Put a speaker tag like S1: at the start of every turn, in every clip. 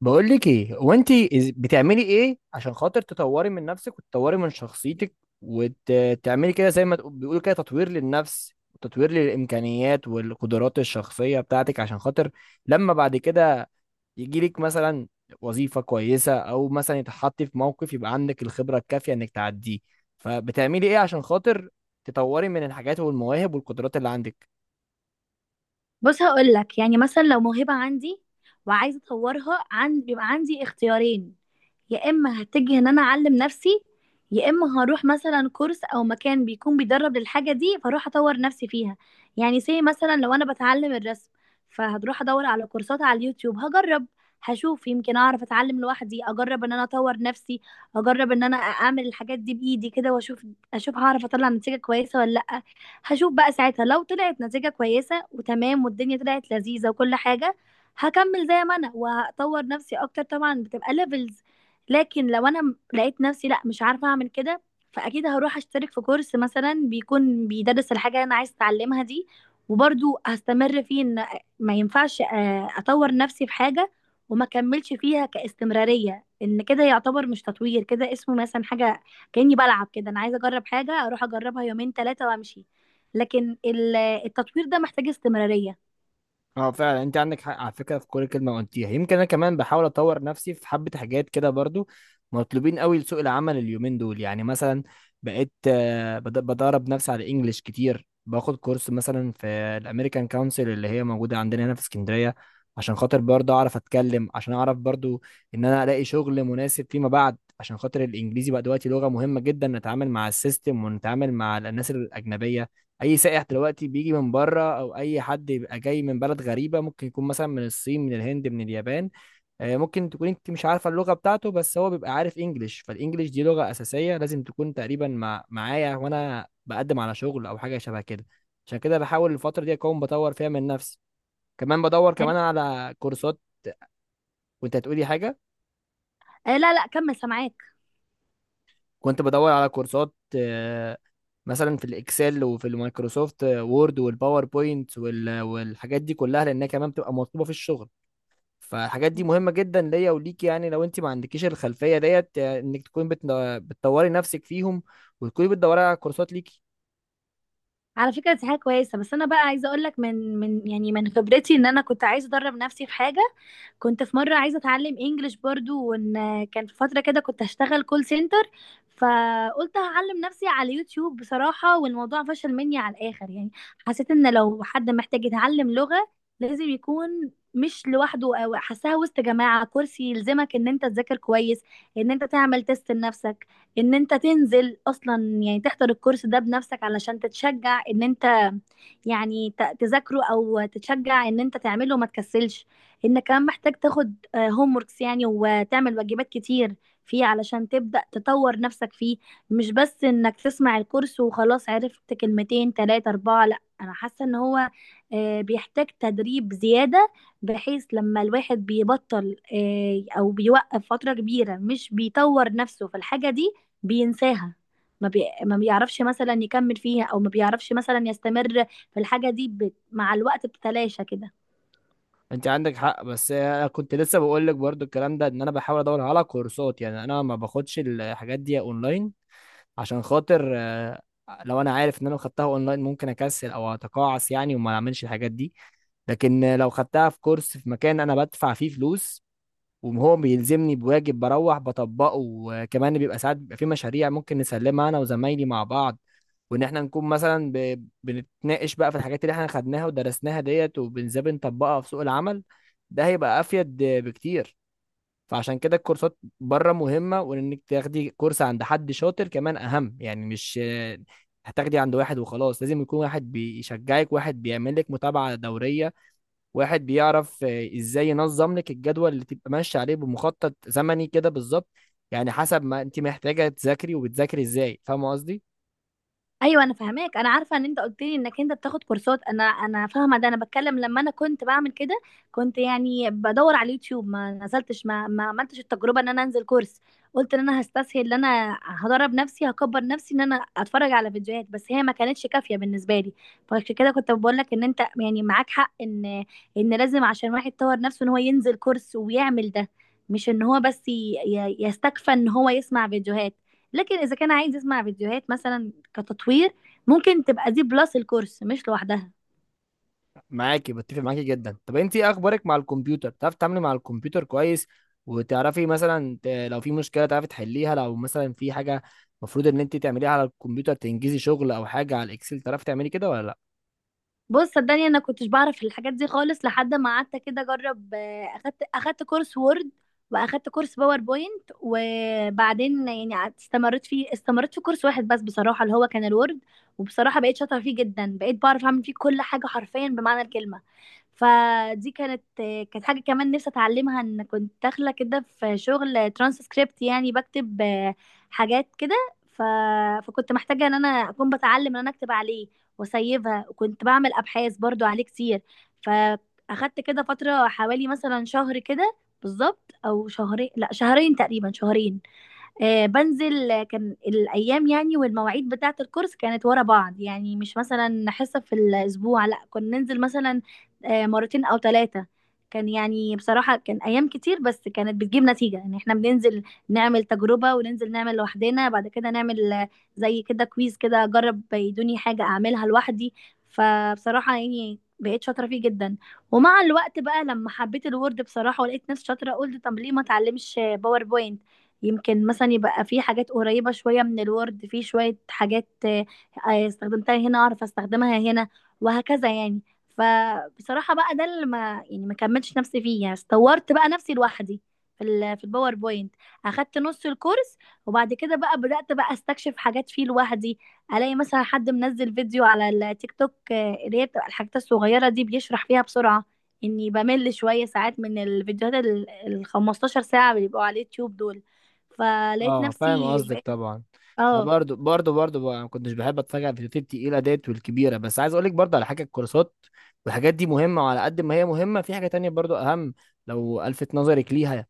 S1: بقول لك ايه. هو انت بتعملي ايه عشان خاطر تطوري من نفسك وتطوري من شخصيتك وتعملي كده زي ما بيقولوا كده تطوير للنفس وتطوير للامكانيات والقدرات الشخصيه بتاعتك؟ عشان خاطر لما بعد كده يجيلك مثلا وظيفه كويسه، او مثلا يتحطي في موقف يبقى عندك الخبره الكافيه انك تعديه. فبتعملي ايه عشان خاطر تطوري من الحاجات والمواهب والقدرات اللي عندك؟
S2: بص، هقول لك يعني مثلا لو موهبة عندي وعايزة اطورها. عن بيبقى عندي اختيارين، يا اما هتجه ان انا اعلم نفسي، يا اما هروح مثلا كورس او مكان بيكون بيدرب للحاجه دي فاروح اطور نفسي فيها. يعني زي مثلا لو انا بتعلم الرسم فهروح ادور على كورسات على اليوتيوب، هجرب هشوف يمكن اعرف اتعلم لوحدي، اجرب ان انا اطور نفسي، اجرب ان انا اعمل الحاجات دي بايدي كده واشوف، هعرف اطلع نتيجه كويسه ولا لا. هشوف بقى ساعتها، لو طلعت نتيجه كويسه وتمام والدنيا طلعت لذيذه وكل حاجه هكمل زي ما انا وهطور نفسي اكتر، طبعا بتبقى ليفلز. لكن لو انا لقيت نفسي لا، مش عارفه اعمل كده، فاكيد هروح اشترك في كورس مثلا بيكون بيدرس الحاجه اللي انا عايز اتعلمها دي، وبرضو هستمر فيه. ان ما ينفعش اطور نفسي في حاجه وما كملش فيها كاستمراريه، ان كده يعتبر مش تطوير، كده اسمه مثلا حاجه كاني بلعب كده. انا عايزه اجرب حاجه اروح اجربها يومين ثلاثه وامشي، لكن التطوير ده محتاج استمراريه.
S1: اه، فعلا انت عندك حق على فكره في كل كلمه قلتيها. يمكن انا كمان بحاول اطور نفسي في حبه حاجات كده، برضو مطلوبين قوي لسوق العمل اليومين دول. يعني مثلا بقيت بدرب نفسي على الانجليش كتير، باخد كورس مثلا في الامريكان كونسل اللي هي موجوده عندنا هنا في اسكندريه، عشان خاطر برضو اعرف اتكلم، عشان اعرف برضو ان انا الاقي شغل مناسب فيما بعد. عشان خاطر الانجليزي بقى دلوقتي لغه مهمه جدا، نتعامل مع السيستم ونتعامل مع الناس الاجنبيه. اي سائح دلوقتي بيجي من بره، او اي حد بيبقى جاي من بلد غريبه ممكن يكون مثلا من الصين، من الهند، من اليابان، ممكن تكون انت مش عارفه اللغه بتاعته، بس هو بيبقى عارف انجليش. فالانجليش دي لغه اساسيه، لازم تكون تقريبا مع معايا وانا بقدم على شغل او حاجه شبه كده. عشان كده بحاول الفتره دي اكون بطور فيها من نفسي، كمان بدور كمان على كورسات. وانت هتقولي حاجه؟
S2: آه، لا لا، كمل سامعاك.
S1: كنت بدور على كورسات مثلا في الاكسل وفي المايكروسوفت وورد والباوربوينت والحاجات دي كلها، لانها كمان بتبقى مطلوبه في الشغل. فالحاجات دي مهمة جدا ليا وليك. يعني لو انت ما عندكيش الخلفية ديت، يعني انك تكوني بتطوري نفسك فيهم وتكوني بتدوري على كورسات ليكي.
S2: على فكرة دي حاجة كويسة، بس أنا بقى عايزة أقولك من يعني من خبرتي، إن أنا كنت عايزة أدرب نفسي في حاجة، كنت في مرة عايزة اتعلم انجليش برضو. وان كان في فترة كده كنت هشتغل كول سنتر، فقلت هعلم نفسي على يوتيوب بصراحة، والموضوع فشل مني على الاخر يعني. حسيت ان لو حد محتاج يتعلم لغة، لازم يكون مش لوحده، او حاساها وسط جماعة كورس يلزمك ان انت تذاكر كويس، ان انت تعمل تيست لنفسك، ان انت تنزل اصلا يعني تحضر الكورس ده بنفسك علشان تتشجع ان انت يعني تذاكره، او تتشجع ان انت تعمله ما تكسلش. انك كمان محتاج تاخد هوم وركس يعني، وتعمل واجبات كتير فيه علشان تبدأ تطور نفسك فيه، مش بس انك تسمع الكورس وخلاص عرفت كلمتين تلاتة اربعة. لا، انا حاسة ان هو بيحتاج تدريب زيادة، بحيث لما الواحد بيبطل او بيوقف فترة كبيرة مش بيطور نفسه في الحاجة دي بينساها. ما بي... ما بيعرفش مثلا يكمل فيها، او ما بيعرفش مثلا يستمر في الحاجة دي. مع الوقت بتتلاشى كده.
S1: انت عندك حق، بس انا كنت لسه بقول لك برضو الكلام ده، ان انا بحاول ادور على كورسات. يعني انا ما باخدش الحاجات دي اونلاين عشان خاطر لو انا عارف ان انا خدتها اونلاين ممكن اكسل او اتقاعس يعني، وما اعملش الحاجات دي. لكن لو خدتها في كورس في مكان انا بدفع فيه فلوس، وهو بيلزمني بواجب بروح بطبقه، وكمان بيبقى ساعات بيبقى في مشاريع ممكن نسلمها انا وزمايلي مع بعض، وان احنا نكون مثلا بنتناقش بقى في الحاجات اللي احنا خدناها ودرسناها ديت، وبنزاي بنطبقها في سوق العمل، ده هيبقى افيد بكتير. فعشان كده الكورسات بره مهمة، وانك تاخدي كورس عند حد شاطر كمان اهم. يعني مش هتاخدي عند واحد وخلاص، لازم يكون واحد بيشجعك، واحد بيعمل لك متابعة دورية، واحد بيعرف ازاي ينظم لك الجدول اللي تبقى ماشي عليه بمخطط زمني كده بالظبط، يعني حسب ما انت محتاجه تذاكري وبتذاكري ازاي. فاهمه قصدي؟
S2: ايوه انا فاهماك، انا عارفه ان انت قلت لي انك انت بتاخد كورسات، انا فاهمه ده. انا بتكلم لما انا كنت بعمل كده، كنت يعني بدور على اليوتيوب، ما نزلتش ما عملتش التجربه ان انا انزل كورس. قلت ان انا هستسهل ان انا هدرب نفسي، هكبر نفسي ان انا اتفرج على فيديوهات، بس هي ما كانتش كافيه بالنسبه لي. فعشان كده كنت بقول لك ان انت يعني معاك حق، ان لازم عشان واحد يطور نفسه ان هو ينزل كورس ويعمل ده، مش ان هو بس يستكفى ان هو يسمع فيديوهات. لكن اذا كان عايز يسمع فيديوهات مثلا كتطوير، ممكن تبقى دي بلس الكورس، مش لوحدها.
S1: معاكي، بتفق معاكي جدا. طب انت ايه اخبارك مع الكمبيوتر؟ بتعرفي تتعاملي مع الكمبيوتر كويس؟ وتعرفي مثلا لو في مشكله تعرفي تحليها؟ لو مثلا في حاجه المفروض ان انت تعمليها على الكمبيوتر تنجزي شغل او حاجه على الاكسل، تعرفي تعملي كده ولا لا؟
S2: بص صدقني، انا كنتش بعرف الحاجات دي خالص لحد ما قعدت كده اجرب، اخدت كورس وورد، واخدت كورس باوربوينت. وبعدين يعني استمريت في كورس واحد بس بصراحة، اللي هو كان الوورد. وبصراحة بقيت شاطرة فيه جدا، بقيت بعرف اعمل فيه كل حاجة حرفيا بمعنى الكلمة. فدي كانت كانت حاجة كمان نفسي اتعلمها، ان كنت داخلة كده في شغل ترانسكريبت يعني بكتب حاجات كده. ف... فكنت محتاجة ان انا اكون بتعلم ان انا اكتب عليه واسيبها، وكنت بعمل ابحاث برضو عليه كتير. فاخدت كده فتره حوالي مثلا شهر كده بالظبط، او شهرين، لا شهرين تقريبا، شهرين. آه، بنزل آه، كان الايام يعني والمواعيد بتاعه الكورس كانت ورا بعض، يعني مش مثلا حصه في الاسبوع، لا كنا ننزل مثلا مرتين او ثلاثه. كان يعني بصراحه كان ايام كتير، بس كانت بتجيب نتيجه، يعني احنا بننزل نعمل تجربه، وننزل نعمل لوحدنا، بعد كده نعمل زي كده كويز كده، اجرب يدوني حاجه اعملها لوحدي. فبصراحه يعني بقيت شاطره فيه جدا. ومع الوقت بقى لما حبيت الوورد بصراحه ولقيت نفسي شاطره، قلت طب ليه ما اتعلمش باوربوينت. يمكن مثلا يبقى في حاجات قريبة شوية من الوورد، في شوية حاجات استخدمتها هنا اعرف استخدمها هنا، وهكذا يعني. فبصراحة بقى ده اللي ما كملتش نفسي فيه، يعني استورت بقى نفسي لوحدي في الباوربوينت. اخدت نص الكورس، وبعد كده بقى بدأت بقى استكشف حاجات فيه لوحدي. الاقي مثلا حد منزل فيديو على التيك توك، اللي هي بتبقى الحاجات الصغيرة دي بيشرح فيها بسرعة، اني بمل شوية ساعات من الفيديوهات ال 15 ساعة اللي بيبقوا على اليوتيوب دول. فلقيت
S1: اه، فاهم
S2: نفسي
S1: قصدك
S2: بقيت.
S1: طبعا. انا
S2: اه.
S1: برضو برضو بقى ما كنتش بحب اتفرج على الفيديوهات التقيله ديت والكبيره. بس عايز اقول لك برضو على حاجه، الكورسات والحاجات دي مهمه، وعلى قد ما هي مهمه في حاجه تانية برضو اهم لو الفت نظرك ليها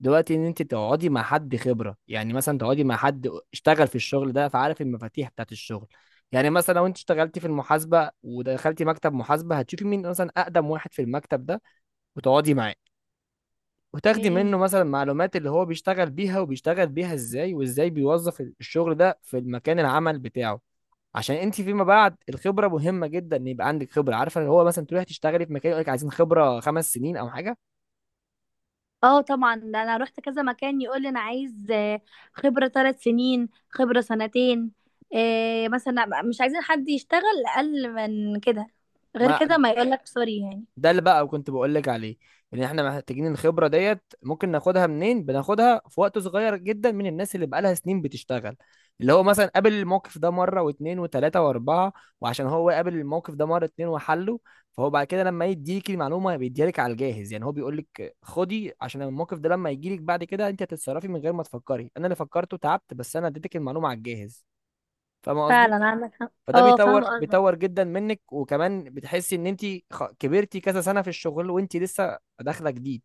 S1: دلوقتي. ان انت تقعدي مع حد خبره، يعني مثلا تقعدي مع حد اشتغل في الشغل ده فعارف المفاتيح بتاعت الشغل. يعني مثلا لو انت اشتغلتي في المحاسبه ودخلتي مكتب محاسبه، هتشوفي مين مثلا اقدم واحد في المكتب ده، وتقعدي معاه
S2: ايه
S1: وتاخدي
S2: هي.
S1: منه مثلا معلومات اللي هو بيشتغل بيها، وبيشتغل بيها ازاي، وازاي بيوظف الشغل ده في المكان العمل بتاعه. عشان انت فيما بعد الخبره مهمه جدا، ان يبقى عندك خبره عارفه. اللي هو مثلا تروحي تشتغلي في مكان يقول لك عايزين خبره خمس سنين او حاجه.
S2: اه طبعا، ده انا رحت كذا مكان يقول لي انا عايز خبرة 3 سنين، خبرة سنتين، مثلا مش عايزين حد يشتغل اقل من كده، غير
S1: ما
S2: كده ما يقول لك سوري يعني.
S1: ده اللي بقى كنت بقول لك عليه، ان احنا محتاجين الخبره ديت ممكن ناخدها منين. بناخدها في وقت صغير جدا من الناس اللي بقالها سنين بتشتغل، اللي هو مثلا قابل الموقف ده مره واتنين وتلاته واربعه. وعشان هو قابل الموقف ده مره اتنين وحله، فهو بعد كده لما يديك المعلومه بيديلك على الجاهز. يعني هو بيقول لك خدي، عشان الموقف ده لما يجيلك بعد كده انت هتتصرفي من غير ما تفكري. انا اللي فكرته تعبت، بس انا اديتك المعلومه على الجاهز. فاهم قصدي؟
S2: فعلا عندك حق،
S1: فده
S2: اه
S1: بيطور
S2: فاهمة قصدك.
S1: بيطور جدا منك، وكمان بتحسي ان انت كبرتي كذا سنه في الشغل وانت لسه داخله جديد.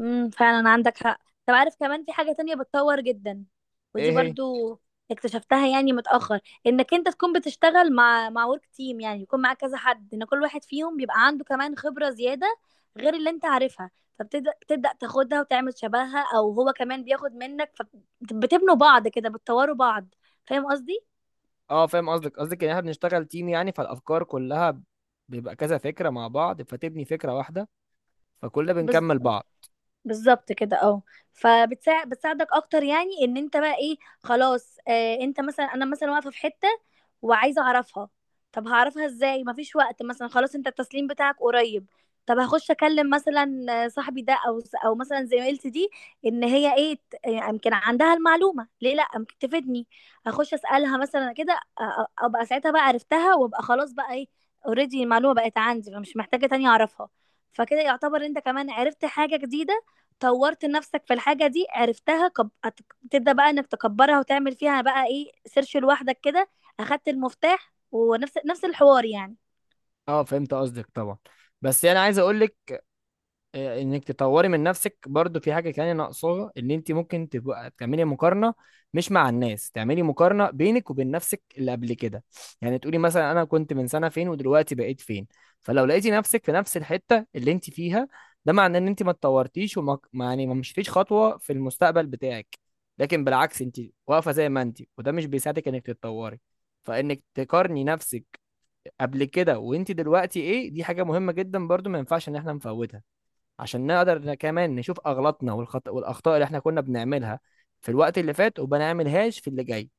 S2: فعلا عندك حق. طب عارف كمان في حاجة تانية بتطور جدا،
S1: ايه
S2: ودي
S1: هي؟
S2: برضو اكتشفتها يعني متأخر، انك انت تكون بتشتغل مع ورك تيم، يعني يكون معاك كذا حد، ان كل واحد فيهم بيبقى عنده كمان خبرة زيادة غير اللي انت عارفها، فبتبدأ تاخدها وتعمل شبهها، او هو كمان بياخد منك، فبتبنوا بعض كده، بتطوروا بعض. فاهم قصدي؟
S1: اه، فاهم قصدك. قصدك ان احنا بنشتغل تيم، يعني فالافكار كلها بيبقى كذا فكره مع بعض فتبني فكره واحده، فكلنا بنكمل بعض.
S2: بالظبط كده، اه. بتساعدك اكتر، يعني ان انت بقى ايه، خلاص. انت مثلا، انا مثلا واقفه في حته وعايزه اعرفها، طب هعرفها ازاي، مفيش وقت مثلا خلاص، انت التسليم بتاعك قريب. طب هخش اكلم مثلا صاحبي ده، او مثلا زميلتي دي، ان هي ايه، يمكن عندها المعلومه، ليه لا، يمكن تفيدني. هخش اسالها مثلا كده، ابقى ساعتها بقى عرفتها، وابقى خلاص بقى ايه، اوريدي المعلومه بقت عندي، فمش محتاجه تاني اعرفها. فكده يعتبر انت كمان عرفت حاجه جديده، طورت نفسك في الحاجة دي، عرفتها، تبدأ بقى انك تكبرها، وتعمل فيها بقى ايه سيرش لوحدك كده، اخدت المفتاح، ونفس نفس الحوار يعني.
S1: اه، فهمت قصدك طبعا. بس انا عايز اقول لك انك تطوري من نفسك برضو في حاجه تانية ناقصاها. ان انت ممكن تبقى تعملي مقارنه، مش مع الناس، تعملي مقارنه بينك وبين نفسك اللي قبل كده. يعني تقولي مثلا انا كنت من سنه فين ودلوقتي بقيت فين. فلو لقيتي نفسك في نفس الحته اللي انت فيها، ده معناه ان انت ما اتطورتيش وما ما- يعني ما مشيتيش خطوه في المستقبل بتاعك. لكن بالعكس، انت واقفه زي ما انت، وده مش بيساعدك انك تتطوري. فانك تقارني نفسك قبل كده وانت دلوقتي ايه، دي حاجه مهمه جدا برضو، ما ينفعش ان احنا نفوتها، عشان نقدر كمان نشوف اغلاطنا والاخطاء اللي احنا كنا بنعملها في الوقت اللي فات، وما نعملهاش في اللي جاي.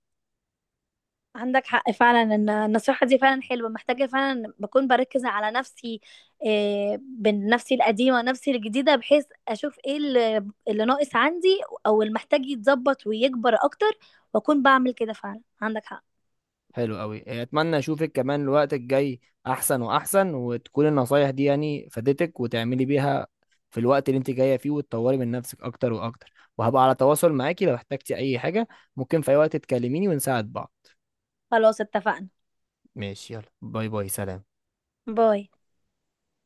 S2: عندك حق فعلا، ان النصيحة دي فعلا حلوة، محتاجة فعلا بكون بركز على نفسي، إيه بين نفسي القديمة ونفسي الجديدة، بحيث اشوف ايه اللي ناقص عندي، او اللي محتاج يتظبط ويكبر اكتر، واكون بعمل كده. فعلا عندك حق،
S1: حلو قوي. اتمنى اشوفك كمان الوقت الجاي احسن واحسن، وتكون النصايح دي يعني فادتك وتعملي بيها في الوقت اللي انت جايه فيه، وتطوري من نفسك اكتر واكتر. وهبقى على تواصل معاكي لو احتجتي اي حاجه، ممكن في اي وقت تكلميني ونساعد بعض.
S2: خلاص اتفقنا.
S1: ماشي، يلا باي باي، سلام.
S2: باي.